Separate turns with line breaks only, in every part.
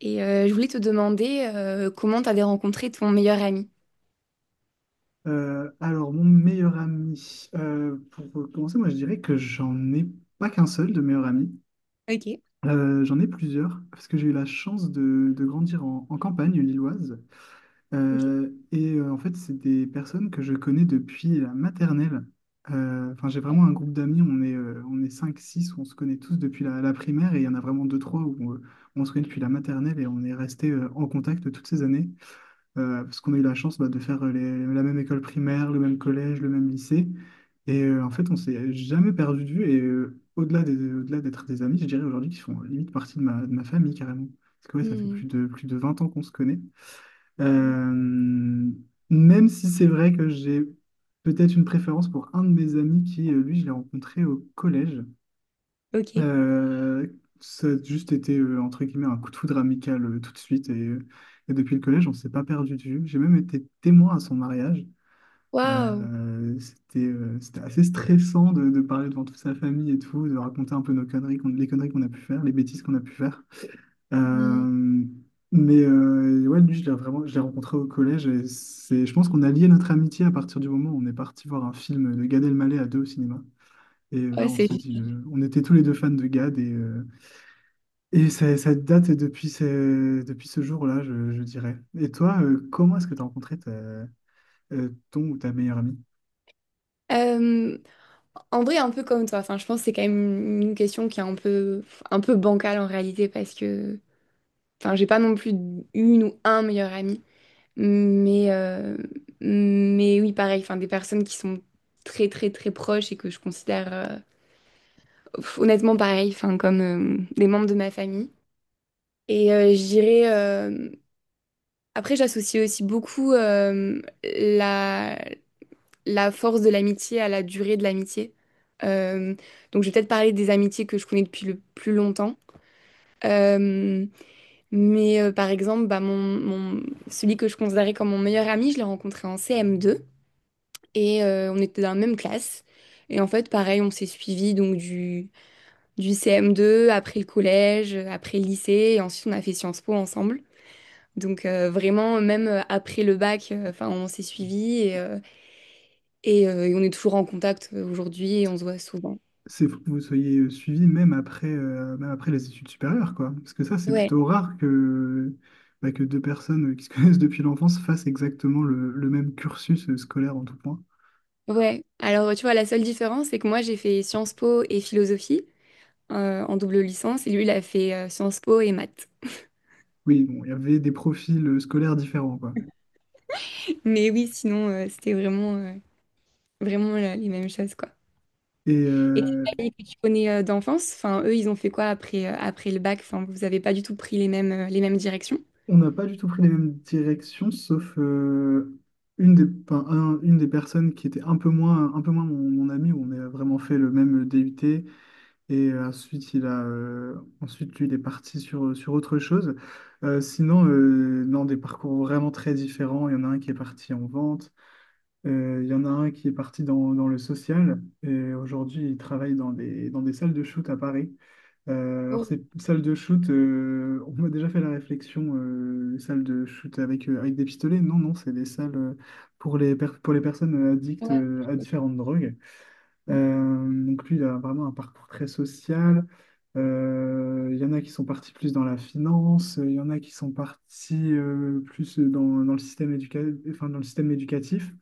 Je voulais te demander comment t'avais rencontré ton meilleur ami.
Alors, mon meilleur ami, pour commencer, moi je dirais que j'en ai pas qu'un seul de meilleur ami.
Ok.
J'en ai plusieurs, parce que j'ai eu la chance de grandir en campagne lilloise.
Ok.
Et en fait, c'est des personnes que je connais depuis la maternelle. Enfin, j'ai vraiment un groupe d'amis, on est cinq six. On se connaît tous depuis la primaire, et il y en a vraiment deux trois où on se connaît depuis la maternelle et on est resté en contact toutes ces années parce qu'on a eu la chance bah, de faire la même école primaire, le même collège, le même lycée. Et en fait, on s'est jamais perdu de vue. Et au-delà d'être des amis, je dirais aujourd'hui qu'ils font limite partie de ma famille carrément. Parce que ouais, ça fait plus
Hmm.
de, plus de 20 ans qu'on se connaît.
Mm.
Euh, Même si c'est vrai que j'ai peut-être une préférence pour un de mes amis lui, je l'ai rencontré au collège.
Ok.
Euh, Ça a juste été, entre guillemets, un coup de foudre amical tout de suite. Et depuis le collège, on s'est pas perdu de vue. J'ai même été témoin à son mariage.
Waouh.
C'était assez stressant de parler devant toute sa famille et tout, de raconter un peu nos conneries, les conneries qu'on a pu faire, les bêtises qu'on a pu faire.
Mm.
Euh, mais ouais, lui, je l'ai rencontré au collège. Je pense qu'on a lié notre amitié à partir du moment où on est parti voir un film de Gad Elmaleh à deux au cinéma. Et là,
Ouais,
on
c'est
s'est dit, on était tous les deux fans de Gad et ça date depuis ce jour-là, je dirais. Et toi, comment est-ce que tu as rencontré ton ou ta meilleure amie?
Euh, en vrai, un peu comme toi. Enfin, je pense que c'est quand même une question qui est un peu bancale en réalité parce que, enfin, j'ai pas non plus une ou un meilleur ami, mais, euh, mais oui, pareil. Enfin, des personnes qui sont très, très, très proches et que je considère honnêtement pareil, enfin, comme des membres de ma famille. Et je dirais. Après, j'associe aussi beaucoup la force de l'amitié à la durée de l'amitié. Euh, donc, je vais peut-être parler des amitiés que je connais depuis le plus longtemps. Euh, mais par exemple, bah, celui que je considérais comme mon meilleur ami, je l'ai rencontré en CM2 et on était dans la même classe. Et en fait, pareil, on s'est suivis donc du, CM2, après le collège, après le lycée, et ensuite on a fait Sciences Po ensemble. Donc vraiment, même après le bac, enfin, on s'est suivis et on est toujours en contact aujourd'hui et on se voit souvent.
C'est faut que vous soyez suivis même après les études supérieures, quoi. Parce que ça, c'est
Ouais,
plutôt rare que deux personnes qui se connaissent depuis l'enfance fassent exactement le même cursus scolaire en tout point.
ouais. Alors tu vois, la seule différence, c'est que moi j'ai fait Sciences Po et philosophie en double licence et lui il a fait Sciences Po et maths.
Oui, bon, il y avait des profils scolaires différents, quoi.
Mais oui, sinon c'était vraiment, les mêmes choses quoi.
Et,
Et tes
euh,
amis que tu connais d'enfance, enfin eux ils ont fait quoi après, après le bac? Enfin vous avez pas du tout pris les mêmes directions?
On n'a pas du tout pris les mêmes directions, sauf enfin, une des personnes qui était un peu moins mon ami, où on a vraiment fait le même DUT, et ensuite, ensuite lui, il est parti sur autre chose. Sinon, non, des parcours vraiment très différents. Il y en a un qui est parti en vente, il y en a un qui est parti dans le social, et aujourd'hui, il travaille dans des salles de shoot à Paris. Alors,
Oh,
c'est salle de shoot, on m'a déjà fait la réflexion, salle de shoot avec des pistolets. Non, non, c'est des salles pour les personnes addictes
ouais.
à différentes drogues. Donc, lui, il a vraiment un parcours très social. Il y en a qui sont partis plus dans la finance, il y en a qui sont partis plus dans le système enfin, dans le système éducatif.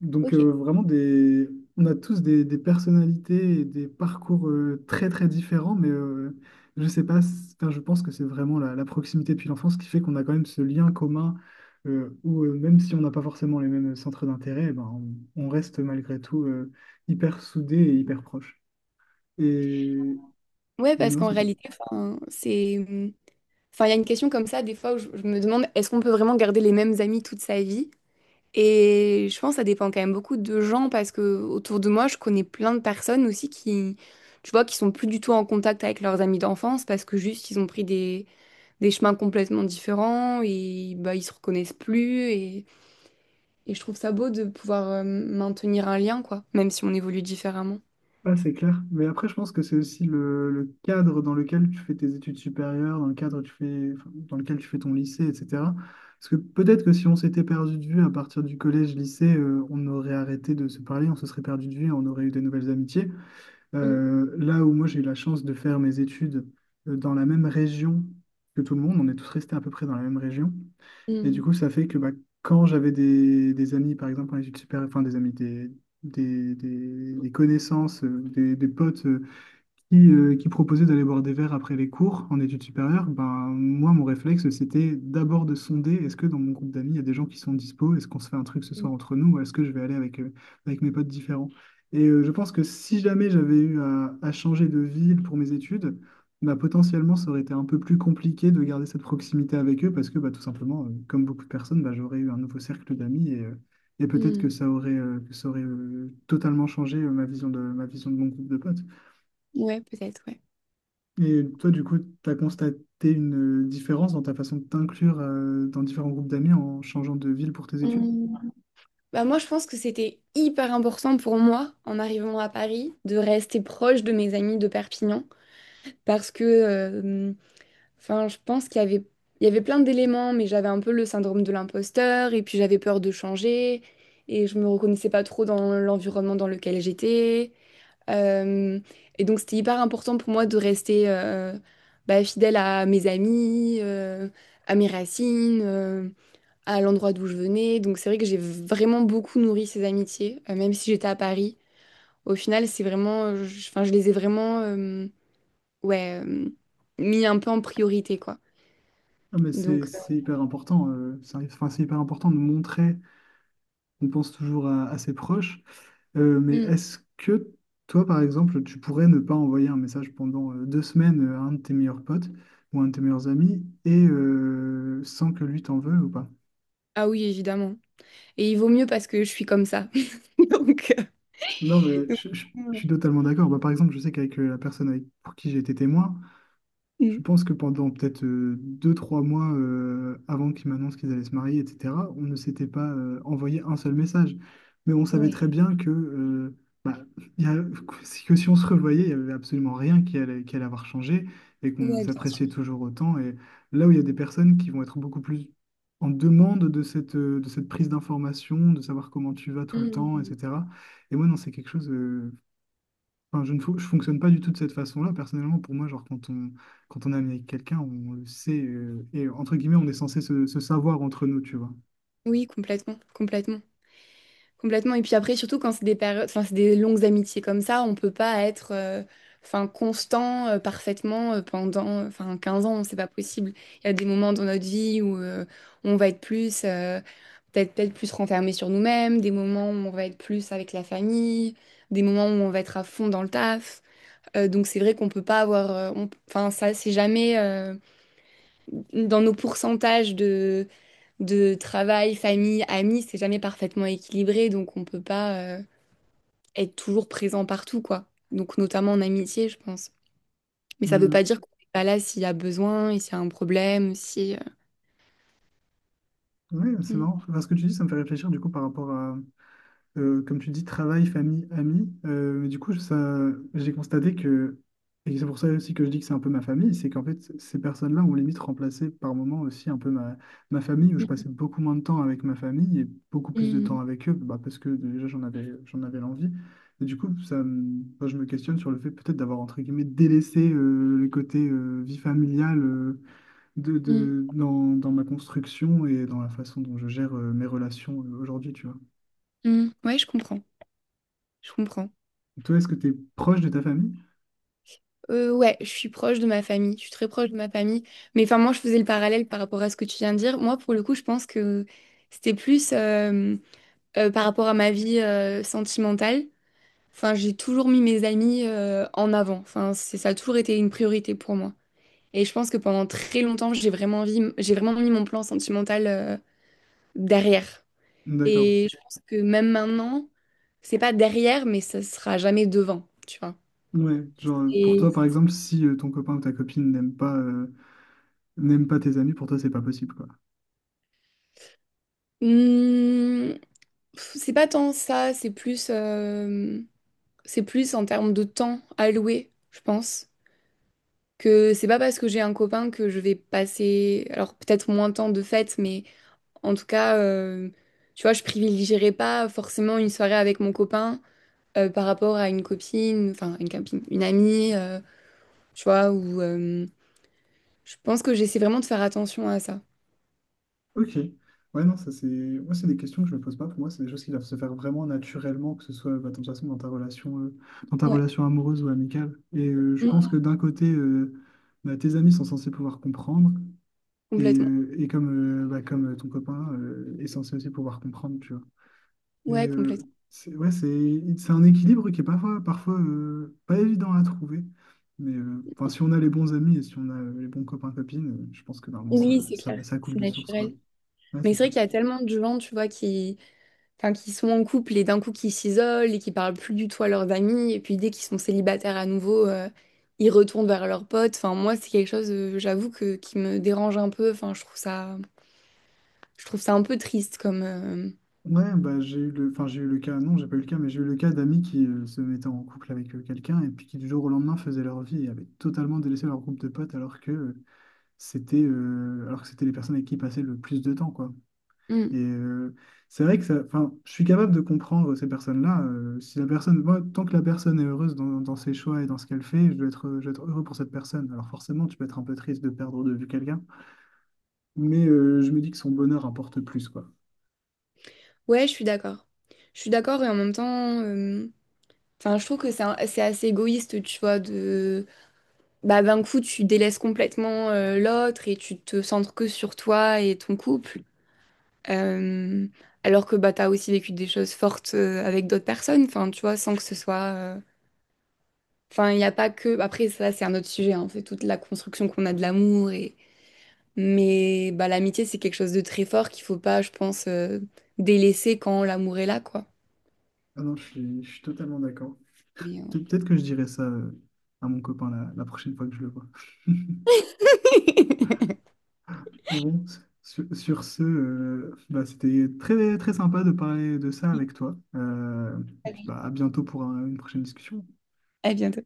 Donc
Ok.
on a tous des personnalités et des parcours très très différents, mais je sais pas, enfin, je pense que c'est vraiment la proximité depuis l'enfance qui fait qu'on a quand même ce lien commun où même si on n'a pas forcément les mêmes centres d'intérêt, eh ben, on reste malgré tout hyper soudés et hyper proches. Et
Ouais, parce
non,
qu'en
c'est tout.
réalité, enfin, c'est Enfin, il y a une question comme ça, des fois, où je me demande, est-ce qu'on peut vraiment garder les mêmes amis toute sa vie? Et je pense que ça dépend quand même beaucoup de gens, parce que autour de moi, je connais plein de personnes aussi qui, tu vois, qui sont plus du tout en contact avec leurs amis d'enfance, parce que juste, ils ont pris des chemins complètement différents, et bah, ils se reconnaissent plus, et je trouve ça beau de pouvoir maintenir un lien, quoi, même si on évolue différemment.
Ouais, c'est clair. Mais après, je pense que c'est aussi le cadre dans lequel tu fais tes études supérieures, dans le cadre tu fais, enfin, dans lequel tu fais ton lycée, etc. Parce que peut-être que si on s'était perdu de vue à partir du collège-lycée, on aurait arrêté de se parler, on se serait perdu de vue, on aurait eu des nouvelles amitiés.
Mm.
Là où moi j'ai eu la chance de faire mes études dans la même région que tout le monde, on est tous restés à peu près dans la même région. Et du
Mm,
coup, ça fait que bah, quand j'avais des amis, par exemple, en études supérieures, enfin des amis, des connaissances, des potes qui proposait d'aller boire des verres après les cours en études supérieures, ben, moi, mon réflexe, c'était d'abord de sonder, est-ce que dans mon groupe d'amis, il y a des gens qui sont dispo? Est-ce qu'on se fait un truc ce soir entre nous ou est-ce que je vais aller avec mes potes différents? Et je pense que si jamais j'avais eu à changer de ville pour mes études, bah, potentiellement, ça aurait été un peu plus compliqué de garder cette proximité avec eux parce que bah, tout simplement, comme beaucoup de personnes, bah, j'aurais eu un nouveau cercle d'amis et peut-être que
mm.
ça aurait totalement changé ma vision de mon groupe de potes.
Ouais, peut-être,
Et toi, du coup, tu as constaté une différence dans ta façon de t'inclure dans différents groupes d'amis en changeant de ville pour tes
ouais.
études?
Bah moi, je pense que c'était hyper important pour moi, en arrivant à Paris, de rester proche de mes amis de Perpignan. Parce que, enfin, je pense qu'il y avait plein d'éléments, mais j'avais un peu le syndrome de l'imposteur, et puis j'avais peur de changer, et je me reconnaissais pas trop dans l'environnement dans lequel j'étais. Euh, et donc, c'était hyper important pour moi de rester bah, fidèle à mes amis, à mes racines. À l'endroit d'où je venais. Donc c'est vrai que j'ai vraiment beaucoup nourri ces amitiés, même si j'étais à Paris. Au final, c'est vraiment, enfin, je les ai vraiment, ouais, mis un peu en priorité, quoi.
Ah, mais c'est
Donc,
c'est hyper important. C'est Enfin, c'est hyper important de montrer qu'on pense toujours à ses proches. Mais
mm.
est-ce que toi, par exemple, tu pourrais ne pas envoyer un message pendant 2 semaines à un de tes meilleurs potes ou un de tes meilleurs amis et sans que lui t'en veuille ou pas?
Ah oui, évidemment. Et il vaut mieux parce que je suis comme ça. Donc, euh,
Non, mais
donc,
je suis
mm.
totalement d'accord. Bah, par exemple, je sais qu'avec la personne pour qui j'ai été témoin. Je
Mm.
pense que pendant peut-être 2, 3 mois avant qu'ils m'annoncent qu'ils allaient se marier, etc., on ne s'était pas envoyé un seul message. Mais on savait
Ouais.
très bien que, bah, il y a- que si on se revoyait, il n'y avait absolument rien qui allait avoir changé et qu'on
Ouais, bien sûr.
s'appréciait toujours autant. Et là où il y a des personnes qui vont être beaucoup plus en demande de cette prise d'information, de savoir comment tu vas tout le temps, etc. Et moi, non, c'est quelque chose. Enfin, je fonctionne pas du tout de cette façon-là. Personnellement, pour moi, genre, quand on est ami avec quelqu'un, on le sait. Et entre guillemets, on est censé se savoir entre nous, tu vois.
Oui, complètement, complètement. Complètement. Et puis après, surtout quand c'est des périodes, enfin, c'est des longues amitiés comme ça, on peut pas être enfin, constant parfaitement pendant enfin, 15 ans, c'est pas possible. Il y a des moments dans notre vie où on va être plus, peut-être plus renfermé sur nous-mêmes, des moments où on va être plus avec la famille, des moments où on va être à fond dans le taf. Donc c'est vrai qu'on peut pas avoir, enfin ça c'est jamais dans nos pourcentages de travail, famille, amis, c'est jamais parfaitement équilibré, donc on peut pas être toujours présent partout, quoi. Donc, notamment en amitié, je pense. Mais ça veut pas dire qu'on n'est pas là s'il y a besoin et s'il y a un problème, si...
Oui, c'est
Mm,
marrant. Enfin, ce que tu dis, ça me fait réfléchir du coup par rapport à, comme tu dis, travail, famille, amis. Mais du coup, ça, j'ai constaté que, et c'est pour ça aussi que je dis que c'est un peu ma famille, c'est qu'en fait, ces personnes-là ont limite remplacé par moments aussi un peu ma famille, où je passais beaucoup moins de temps avec ma famille et beaucoup plus de
mm,
temps avec eux, bah, parce que déjà, j'en avais l'envie. Et du coup, enfin, je me questionne sur le fait peut-être d'avoir, entre guillemets, délaissé le côté vie familiale
mm,
dans ma construction et dans la façon dont je gère mes relations aujourd'hui, tu vois.
mm. Mm. Ouais, je comprends. Je comprends.
Toi, est-ce que t'es proche de ta famille?
Ouais, je suis proche de ma famille. Je suis très proche de ma famille. Mais enfin, moi, je faisais le parallèle par rapport à ce que tu viens de dire. Moi, pour le coup, je pense que c'était plus par rapport à ma vie sentimentale. Enfin, j'ai toujours mis mes amis en avant. Enfin, ça a toujours été une priorité pour moi. Et je pense que pendant très longtemps, j'ai vraiment mis mon plan sentimental derrière.
D'accord.
Et je pense que même maintenant, c'est pas derrière, mais ça sera jamais devant, tu vois.
Ouais, genre pour
Et
toi par exemple, si ton copain ou ta copine n'aime pas tes amis, pour toi c'est pas possible quoi.
hmm, c'est pas tant ça, c'est plus en termes de temps alloué, je pense. Que c'est pas parce que j'ai un copain que je vais passer, alors peut-être moins de temps de fête, mais en tout cas, tu vois, je privilégierai pas forcément une soirée avec mon copain par rapport à une copine, enfin une copine, une amie, tu vois, ou je pense que j'essaie vraiment de faire attention à ça.
Ok. Ouais, non, ça c'est. Moi, c'est des questions que je me pose pas. Pour moi, c'est des choses qui doivent se faire vraiment naturellement, que ce soit bah, de toute façon dans ta
Ouais.
relation amoureuse ou amicale. Et je pense
Mm,
que d'un côté, bah, tes amis sont censés pouvoir comprendre,
complètement.
bah, comme ton copain est censé aussi pouvoir comprendre, tu vois. Et
Ouais, complètement.
c'est, ouais, c'est un équilibre qui est parfois pas évident à trouver. Mais enfin, si on a les bons amis et si on a les bons copains, copines, je pense que normalement
Oui, c'est clair,
ça coule
c'est
de source, quoi.
naturel.
Ouais,
Mais
c'est
c'est
ça.
vrai qu'il y a tellement de gens, tu vois, enfin, qui sont en couple et d'un coup qui s'isolent et qui parlent plus du tout à leurs amis. Et puis dès qu'ils sont célibataires à nouveau, ils retournent vers leurs potes. Enfin, moi, c'est quelque chose, j'avoue, que, qui me dérange un peu. Enfin, je trouve ça un peu triste comme.
Ouais, bah, enfin, j'ai eu le cas, non, j'ai pas eu le cas, mais j'ai eu le cas d'amis qui se mettaient en couple avec quelqu'un et puis qui du jour au lendemain faisaient leur vie et avaient totalement délaissé leur groupe de potes alors que c'était les personnes avec qui ils passaient le plus de temps, quoi.
euh,
Et c'est vrai que ça, enfin, je suis capable de comprendre ces personnes-là. Si la personne, moi, tant que la personne est heureuse dans ses choix et dans ce qu'elle fait, je dois être heureux pour cette personne. Alors forcément, tu peux être un peu triste de perdre de vue quelqu'un, mais je me dis que son bonheur importe plus, quoi.
Ouais, je suis d'accord. Je suis d'accord et en même temps, enfin, je trouve que c'est assez égoïste, tu vois, de bah d'un coup tu délaisses complètement l'autre et tu te centres que sur toi et ton couple. Euh, alors que bah t'as aussi vécu des choses fortes avec d'autres personnes, enfin, tu vois, sans que ce soit, euh, enfin, il n'y a pas que. Après, ça c'est un autre sujet, hein, c'est toute la construction qu'on a de l'amour. Mais bah l'amitié c'est quelque chose de très fort qu'il faut pas, je pense, délaisser quand l'amour est là, quoi.
Ah non, je suis totalement d'accord.
Mais, euh,
Peut-être que je dirai ça à mon copain la prochaine fois que je le vois. Bon, sur ce, bah, c'était très, très sympa de parler de ça avec toi. Et puis, bah, à bientôt pour une prochaine discussion.
À bientôt.